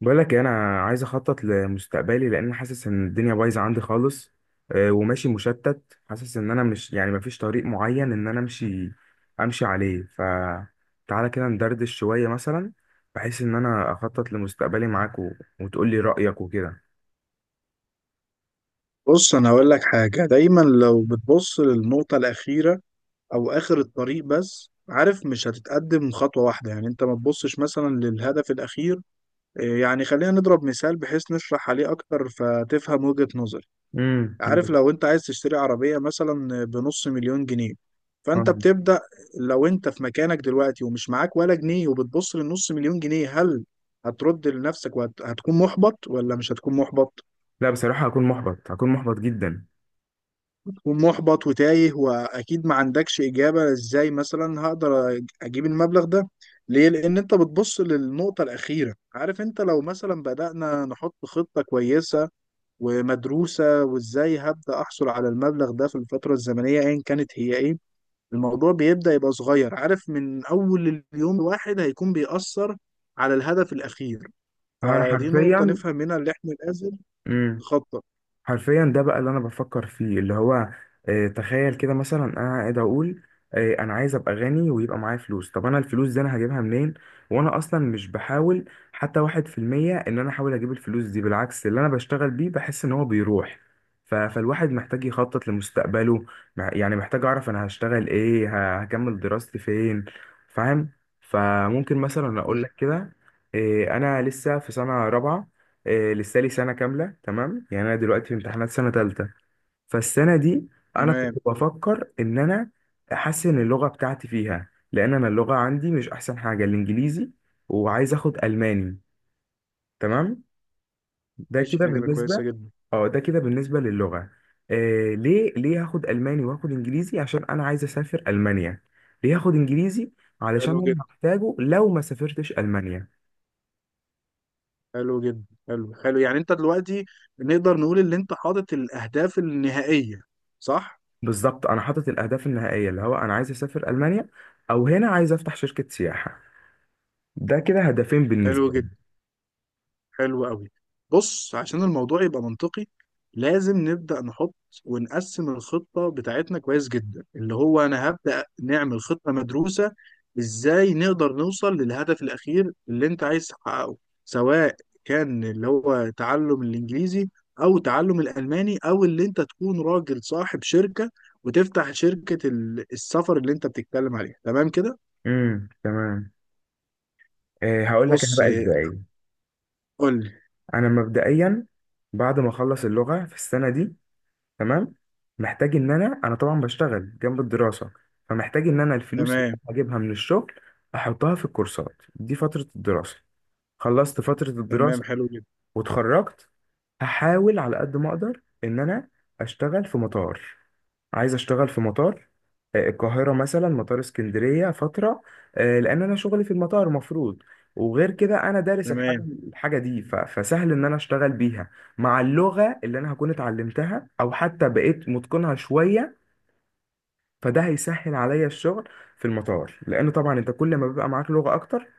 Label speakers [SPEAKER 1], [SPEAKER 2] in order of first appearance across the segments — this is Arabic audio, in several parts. [SPEAKER 1] بقول لك إيه، انا عايز اخطط لمستقبلي لان حاسس ان الدنيا بايظه عندي خالص. وماشي مشتت، حاسس ان انا مش يعني مفيش طريق معين ان انا امشي عليه. فتعالى كده ندردش شويه مثلا بحيث ان انا اخطط لمستقبلي معاك وتقول لي رايك وكده.
[SPEAKER 2] بص، انا هقول لك حاجه. دايما لو بتبص للنقطه الاخيره او اخر الطريق، بس عارف مش هتتقدم خطوه واحده. يعني انت ما تبصش مثلا للهدف الاخير. إيه يعني، خلينا نضرب مثال بحيث نشرح عليه اكتر فتفهم وجهه نظري.
[SPEAKER 1] امم.
[SPEAKER 2] عارف لو انت عايز تشتري عربيه مثلا بنص مليون جنيه، فانت بتبدا. لو انت في مكانك دلوقتي ومش معاك ولا جنيه وبتبص للنص مليون جنيه، هل هترد لنفسك وهتكون محبط ولا مش هتكون محبط؟
[SPEAKER 1] لا بصراحه هكون محبط، هكون محبط جدا.
[SPEAKER 2] ومحبط وتايه واكيد ما عندكش اجابه ازاي مثلا هقدر اجيب المبلغ ده. ليه؟ لان انت بتبص للنقطه الاخيره. عارف انت لو مثلا بدانا نحط خطه كويسه ومدروسه وازاي هبدا احصل على المبلغ ده في الفتره الزمنيه ايا كانت هي ايه، الموضوع بيبدا يبقى صغير. عارف من اول اليوم الواحد هيكون بيأثر على الهدف الاخير.
[SPEAKER 1] انا
[SPEAKER 2] فدي نقطه
[SPEAKER 1] حرفيا
[SPEAKER 2] نفهم منها اللي احنا لازم
[SPEAKER 1] مم.
[SPEAKER 2] نخطط.
[SPEAKER 1] حرفيا ده بقى اللي انا بفكر فيه، اللي هو تخيل كده مثلا انا قاعد اقول، انا عايز ابقى غني ويبقى معايا فلوس. طب انا الفلوس دي انا هجيبها منين؟ وانا اصلا مش بحاول حتى واحد في المية ان انا احاول اجيب الفلوس دي، بالعكس اللي انا بشتغل بيه بحس ان هو بيروح. فالواحد محتاج يخطط لمستقبله، يعني محتاج اعرف انا هشتغل ايه، هكمل دراستي فين. فاهم؟ فممكن مثلا اقول لك كده، انا لسه في سنة رابعة، لسه لي سنة كاملة. تمام، يعني أنا دلوقتي في امتحانات سنة تالتة. فالسنة دي أنا كنت
[SPEAKER 2] تمام.
[SPEAKER 1] بفكر إن أنا أحسن اللغة بتاعتي فيها، لأن أنا اللغة عندي مش أحسن حاجة، الإنجليزي. وعايز آخد ألماني. تمام. ده
[SPEAKER 2] ماشي،
[SPEAKER 1] كده
[SPEAKER 2] فكره كويسه
[SPEAKER 1] بالنسبة.
[SPEAKER 2] جدا.
[SPEAKER 1] أه، ده كده بالنسبة للغة. ليه هاخد ألماني وهاخد إنجليزي؟ عشان أنا عايز أسافر ألمانيا. ليه هاخد إنجليزي؟ علشان
[SPEAKER 2] حلو
[SPEAKER 1] أنا
[SPEAKER 2] جدا.
[SPEAKER 1] هحتاجه لو ما سافرتش ألمانيا.
[SPEAKER 2] حلو جدا، حلو، حلو. يعني انت دلوقتي نقدر نقول ان انت حاطط الاهداف النهائية، صح؟
[SPEAKER 1] بالظبط، انا حاطط الاهداف النهائيه، اللي هو انا عايز اسافر المانيا، او هنا عايز افتح شركه سياحه. ده كده هدفين
[SPEAKER 2] حلو
[SPEAKER 1] بالنسبه لي.
[SPEAKER 2] جدا، حلو قوي. بص، عشان الموضوع يبقى منطقي لازم نبدأ نحط ونقسم الخطة بتاعتنا كويس جدا، اللي هو أنا هبدأ نعمل خطة مدروسة إزاي نقدر نوصل للهدف الأخير اللي أنت عايز تحققه، سواء كان اللي هو تعلم الإنجليزي أو تعلم الألماني أو اللي أنت تكون راجل صاحب شركة وتفتح شركة السفر اللي أنت بتتكلم عليها. تمام كده؟
[SPEAKER 1] امم، تمام. إيه، هقول لك انا
[SPEAKER 2] بص،
[SPEAKER 1] بقى ازاي.
[SPEAKER 2] قول لي.
[SPEAKER 1] انا مبدئيا بعد ما اخلص اللغه في السنه دي، تمام، محتاج ان انا، انا طبعا بشتغل جنب الدراسه، فمحتاج ان انا الفلوس اللي
[SPEAKER 2] تمام،
[SPEAKER 1] أنا هجيبها من الشغل احطها في الكورسات دي فتره الدراسه. خلصت فتره
[SPEAKER 2] تمام،
[SPEAKER 1] الدراسه
[SPEAKER 2] حلو جدا.
[SPEAKER 1] واتخرجت، هحاول على قد ما اقدر ان انا اشتغل في مطار. عايز اشتغل في مطار، القاهرة مثلا، مطار اسكندرية فترة، لأن أنا شغلي في المطار مفروض، وغير كده أنا دارس الحاجة.
[SPEAKER 2] تمام.
[SPEAKER 1] الحاجة دي فسهل إن أنا أشتغل بيها، مع اللغة اللي أنا هكون اتعلمتها أو حتى بقيت متقنها شوية. فده هيسهل عليا الشغل في المطار، لأن طبعا أنت كل ما بيبقى معاك لغة أكتر،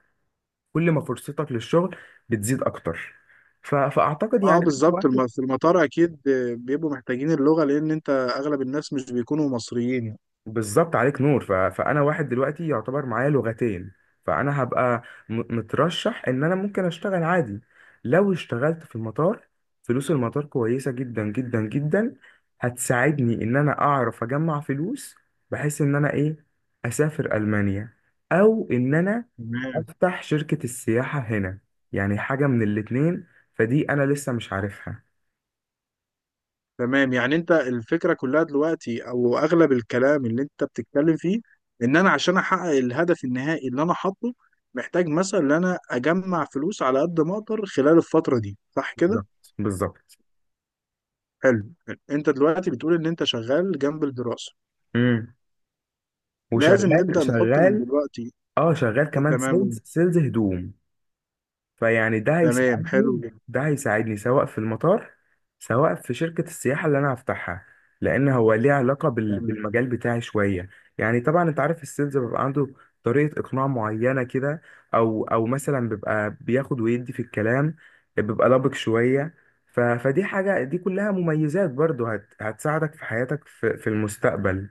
[SPEAKER 1] كل ما فرصتك للشغل بتزيد أكتر. فأعتقد
[SPEAKER 2] اه
[SPEAKER 1] يعني.
[SPEAKER 2] بالظبط، في المطار اكيد بيبقوا محتاجين اللغه، لان انت اغلب الناس مش بيكونوا مصريين يعني.
[SPEAKER 1] بالظبط، عليك نور. فانا واحد دلوقتي يعتبر معايا لغتين، فانا هبقى مترشح ان انا ممكن اشتغل عادي لو اشتغلت في المطار. فلوس المطار كويسة جدا جدا جدا، هتساعدني ان انا اعرف اجمع فلوس بحيث ان انا ايه، اسافر المانيا، او ان انا
[SPEAKER 2] تمام.
[SPEAKER 1] افتح شركة السياحة هنا. يعني حاجة من الاتنين، فدي انا لسه مش عارفها.
[SPEAKER 2] تمام، يعني انت الفكره كلها دلوقتي او اغلب الكلام اللي انت بتتكلم فيه ان انا عشان احقق الهدف النهائي اللي انا حاطه محتاج مثلا ان انا اجمع فلوس على قد ما اقدر خلال الفتره دي، صح كده؟
[SPEAKER 1] بالظبط، بالظبط.
[SPEAKER 2] حلو. انت دلوقتي بتقول ان انت شغال جنب الدراسه.
[SPEAKER 1] امم.
[SPEAKER 2] لازم
[SPEAKER 1] وشغال
[SPEAKER 2] نبدا نحط من
[SPEAKER 1] شغال.
[SPEAKER 2] دلوقتي.
[SPEAKER 1] اه، شغال كمان سيلز
[SPEAKER 2] تمام.
[SPEAKER 1] سيلز هدوم. فيعني ده
[SPEAKER 2] تمام، حلو
[SPEAKER 1] هيساعدني
[SPEAKER 2] جدا.
[SPEAKER 1] ده هيساعدني سواء في المطار، سواء في شركة السياحة اللي انا هفتحها. لان هو ليه علاقة
[SPEAKER 2] تمام.
[SPEAKER 1] بالمجال بتاعي شوية. يعني طبعا انت عارف السيلز بيبقى عنده طريقة اقناع معينة كده، او مثلا بيبقى بياخد ويدي في الكلام، بيبقى لبق شوية. فدي حاجة، دي كلها مميزات برضو هتساعدك في حياتك في المستقبل.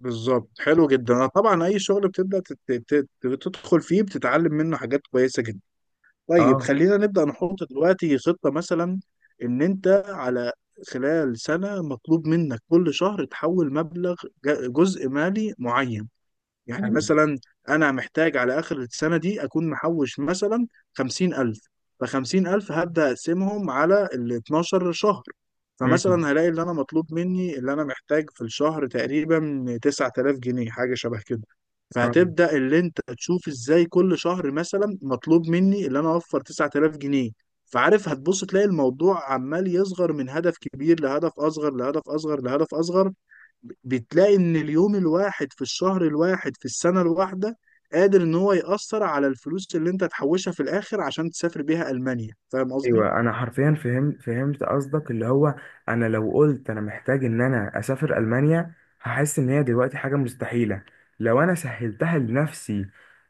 [SPEAKER 2] بالظبط، حلو جدا. أنا طبعا اي شغل بتبدا تدخل فيه بتتعلم منه حاجات كويسه جدا. طيب
[SPEAKER 1] اه.
[SPEAKER 2] خلينا نبدا نحط دلوقتي خطه مثلا ان انت على خلال سنه مطلوب منك كل شهر تحول مبلغ، جزء مالي معين. يعني
[SPEAKER 1] أيوة.
[SPEAKER 2] مثلا انا محتاج على اخر السنه دي اكون محوش مثلا 50000. فخمسين ألف هبدأ أقسمهم على ال 12 شهر،
[SPEAKER 1] مم.
[SPEAKER 2] فمثلا هلاقي اللي أنا مطلوب مني اللي أنا محتاج في الشهر تقريبا 9000 جنيه، حاجة شبه كده.
[SPEAKER 1] آه.
[SPEAKER 2] فهتبدأ اللي أنت تشوف إزاي كل شهر مثلا مطلوب مني اللي أنا أوفر 9000 جنيه. فعارف هتبص تلاقي الموضوع عمال يصغر من هدف كبير لهدف أصغر لهدف أصغر لهدف أصغر. بتلاقي ان اليوم الواحد في الشهر الواحد في السنة الواحدة قادر ان هو يأثر على الفلوس اللي انت تحوشها في الاخر عشان تسافر بيها ألمانيا. فاهم قصدي؟
[SPEAKER 1] ايوه، انا حرفيا فهمت قصدك، اللي هو انا لو قلت انا محتاج ان انا اسافر المانيا، هحس ان هي دلوقتي حاجه مستحيله. لو انا سهلتها لنفسي،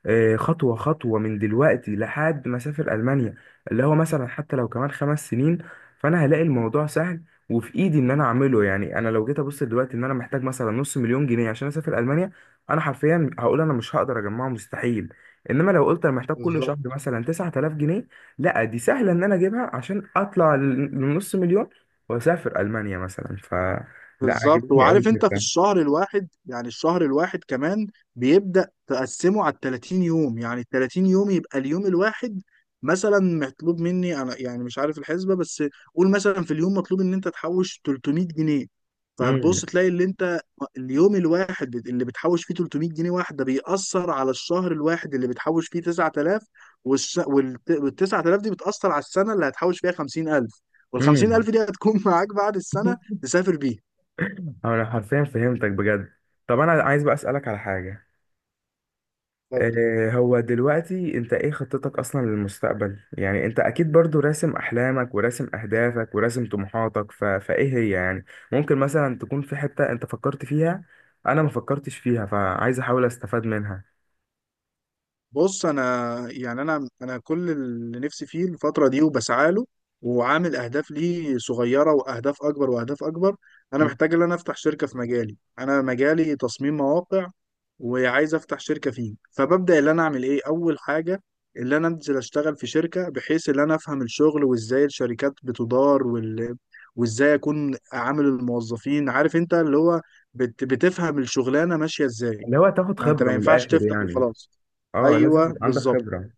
[SPEAKER 1] خطوه خطوه من دلوقتي لحد ما اسافر المانيا، اللي هو مثلا حتى لو كمان 5 سنين، فانا هلاقي الموضوع سهل وفي ايدي ان انا اعمله. يعني انا لو جيت ابص دلوقتي ان انا محتاج مثلا نص مليون جنيه عشان اسافر المانيا، انا حرفيا هقول انا مش هقدر اجمعه، مستحيل. انما لو قلت انا محتاج كل شهر مثلا 9000 جنيه، لا دي سهله ان انا اجيبها عشان اطلع لنص مليون واسافر المانيا مثلا. لا،
[SPEAKER 2] بالظبط.
[SPEAKER 1] عجبتني قوي
[SPEAKER 2] وعارف انت في
[SPEAKER 1] الفكره.
[SPEAKER 2] الشهر الواحد، يعني الشهر الواحد كمان بيبدأ تقسمه على 30 يوم، يعني 30 يوم يبقى اليوم الواحد مثلا مطلوب مني انا، يعني مش عارف الحسبة، بس قول مثلا في اليوم مطلوب ان انت تحوش 300 جنيه. فهتبص
[SPEAKER 1] امم.
[SPEAKER 2] تلاقي اللي انت اليوم الواحد اللي بتحوش فيه 300 جنيه واحدة بيأثر على الشهر الواحد اللي بتحوش فيه 9000، وال 9000 دي بتأثر على السنة اللي هتحوش فيها 50000، وال
[SPEAKER 1] امم.
[SPEAKER 2] 50000 دي هتكون معاك بعد السنة تسافر بيها.
[SPEAKER 1] انا حرفيا فهمتك بجد. طب انا عايز بقى اسالك على حاجه.
[SPEAKER 2] طب
[SPEAKER 1] إيه هو دلوقتي انت ايه خطتك اصلا للمستقبل؟ يعني انت اكيد برضو راسم احلامك وراسم اهدافك وراسم طموحاتك، فايه هي يعني. ممكن مثلا تكون في حته انت فكرت فيها، انا ما فكرتش فيها فعايز احاول استفاد منها.
[SPEAKER 2] بص، انا يعني انا كل اللي نفسي فيه الفتره دي وبسعى له وعامل اهداف ليه صغيره واهداف اكبر واهداف اكبر، انا
[SPEAKER 1] مم.
[SPEAKER 2] محتاج ان انا افتح شركه في مجالي. انا مجالي تصميم مواقع وعايز افتح شركه فيه. فببدا اللي انا اعمل ايه اول حاجه، اللي انا انزل اشتغل في شركه بحيث ان انا افهم الشغل وازاي الشركات بتدار وازاي اكون عامل الموظفين، عارف انت اللي هو بتفهم الشغلانه ماشيه ازاي.
[SPEAKER 1] اللي هو تاخد
[SPEAKER 2] ما انت
[SPEAKER 1] خبره
[SPEAKER 2] ما
[SPEAKER 1] من
[SPEAKER 2] ينفعش
[SPEAKER 1] الاخر
[SPEAKER 2] تفتح
[SPEAKER 1] يعني.
[SPEAKER 2] وخلاص.
[SPEAKER 1] اه، لازم
[SPEAKER 2] ايوه
[SPEAKER 1] يبقى عندك
[SPEAKER 2] بالظبط.
[SPEAKER 1] خبرة.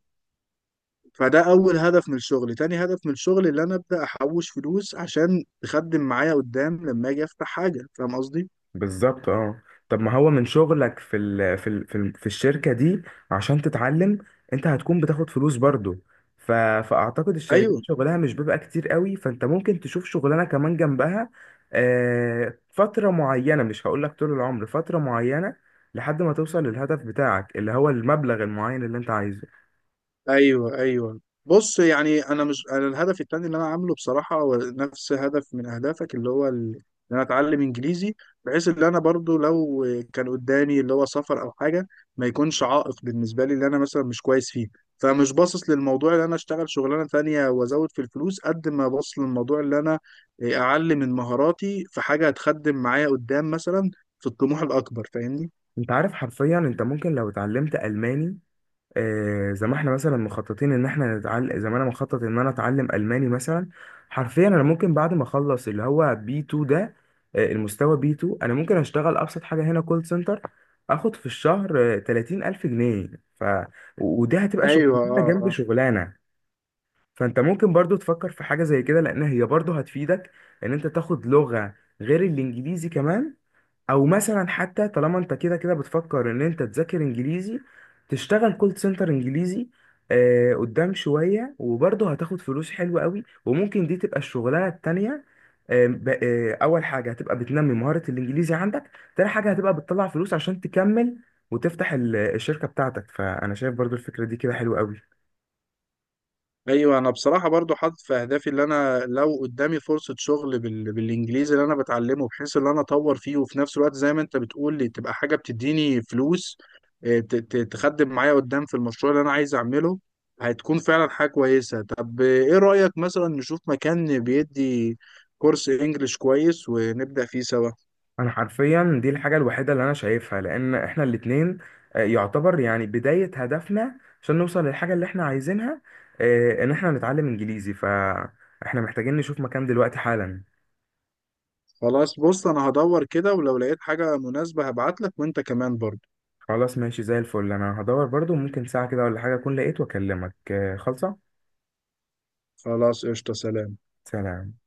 [SPEAKER 2] فده اول هدف من الشغل، تاني هدف من الشغل اللي انا ابدا احوش فلوس عشان تخدم معايا قدام لما اجي افتح حاجه. فاهم قصدي؟
[SPEAKER 1] بالظبط، اه. طب ما هو من شغلك في الشركة دي عشان تتعلم، انت هتكون بتاخد فلوس برضو. ف فاعتقد الشركات
[SPEAKER 2] ايوه،
[SPEAKER 1] شغلها مش بيبقى كتير قوي، فانت ممكن تشوف شغلانة كمان جنبها. فترة معينة، مش هقولك طول العمر، فترة معينة لحد ما توصل للهدف بتاعك اللي هو المبلغ المعين اللي انت عايزه.
[SPEAKER 2] ايوه. ايوه بص، يعني انا مش، انا الهدف التاني اللي انا عامله بصراحه هو نفس هدف من اهدافك، اللي هو ان انا اتعلم انجليزي، بحيث ان انا برضو لو كان قدامي اللي هو سفر او حاجه ما يكونش عائق بالنسبه لي اللي انا مثلا مش كويس فيه. فمش باصص للموضوع اللي انا اشتغل شغلانه تانية وازود في الفلوس قد ما باصص للموضوع اللي انا اعلم من مهاراتي في حاجه هتخدم معايا قدام مثلا في الطموح الاكبر. فاهمني؟
[SPEAKER 1] انت عارف، حرفيا انت ممكن لو اتعلمت ألماني، زي ما احنا مثلا مخططين ان احنا نتعلم، زي ما انا مخطط ان انا اتعلم الماني مثلا، حرفيا انا ممكن بعد ما اخلص اللي هو بي 2 ده، المستوى بي 2، انا ممكن اشتغل ابسط حاجه هنا كول سنتر. اخد في الشهر 30000 جنيه. ف ودي هتبقى
[SPEAKER 2] ايوه
[SPEAKER 1] شغلانه جنب
[SPEAKER 2] اه،
[SPEAKER 1] شغلانه. فانت ممكن برضو تفكر في حاجه زي كده، لان هي برضو هتفيدك ان انت تاخد لغه غير الانجليزي كمان، او مثلا حتى طالما انت كده كده بتفكر ان انت تذاكر انجليزي، تشتغل كول سنتر انجليزي قدام شوية وبرضه هتاخد فلوس حلوة قوي. وممكن دي تبقى الشغلانة التانية. اول حاجة هتبقى بتنمي مهارة الانجليزي عندك، تاني حاجة هتبقى بتطلع فلوس عشان تكمل وتفتح الشركة بتاعتك. فانا شايف برضه الفكرة دي كده حلوة قوي.
[SPEAKER 2] ايوه. انا بصراحه برضو حاطط في اهدافي اللي انا لو قدامي فرصه شغل بالانجليزي اللي انا بتعلمه بحيث ان انا اطور فيه، وفي نفس الوقت زي ما انت بتقول لي تبقى حاجه بتديني فلوس، تخدم معايا قدام في المشروع اللي انا عايز اعمله. هتكون فعلا حاجه كويسه. طب ايه رايك مثلا نشوف مكان بيدي كورس انجليش كويس ونبدا فيه سوا؟
[SPEAKER 1] انا حرفيا دي الحاجه الوحيده اللي انا شايفها، لان احنا الاتنين يعتبر يعني بدايه هدفنا عشان نوصل للحاجه اللي احنا عايزينها، ان احنا نتعلم انجليزي. فاحنا محتاجين نشوف مكان دلوقتي حالا.
[SPEAKER 2] خلاص، بص انا هدور كده ولو لقيت حاجه مناسبه هبعت لك، وانت كمان برضو.
[SPEAKER 1] خلاص ماشي، زي الفل. انا هدور برضو، ممكن ساعه كده ولا حاجه اكون لقيت واكلمك. خلصه.
[SPEAKER 2] خلاص قشطه، سلام.
[SPEAKER 1] سلام.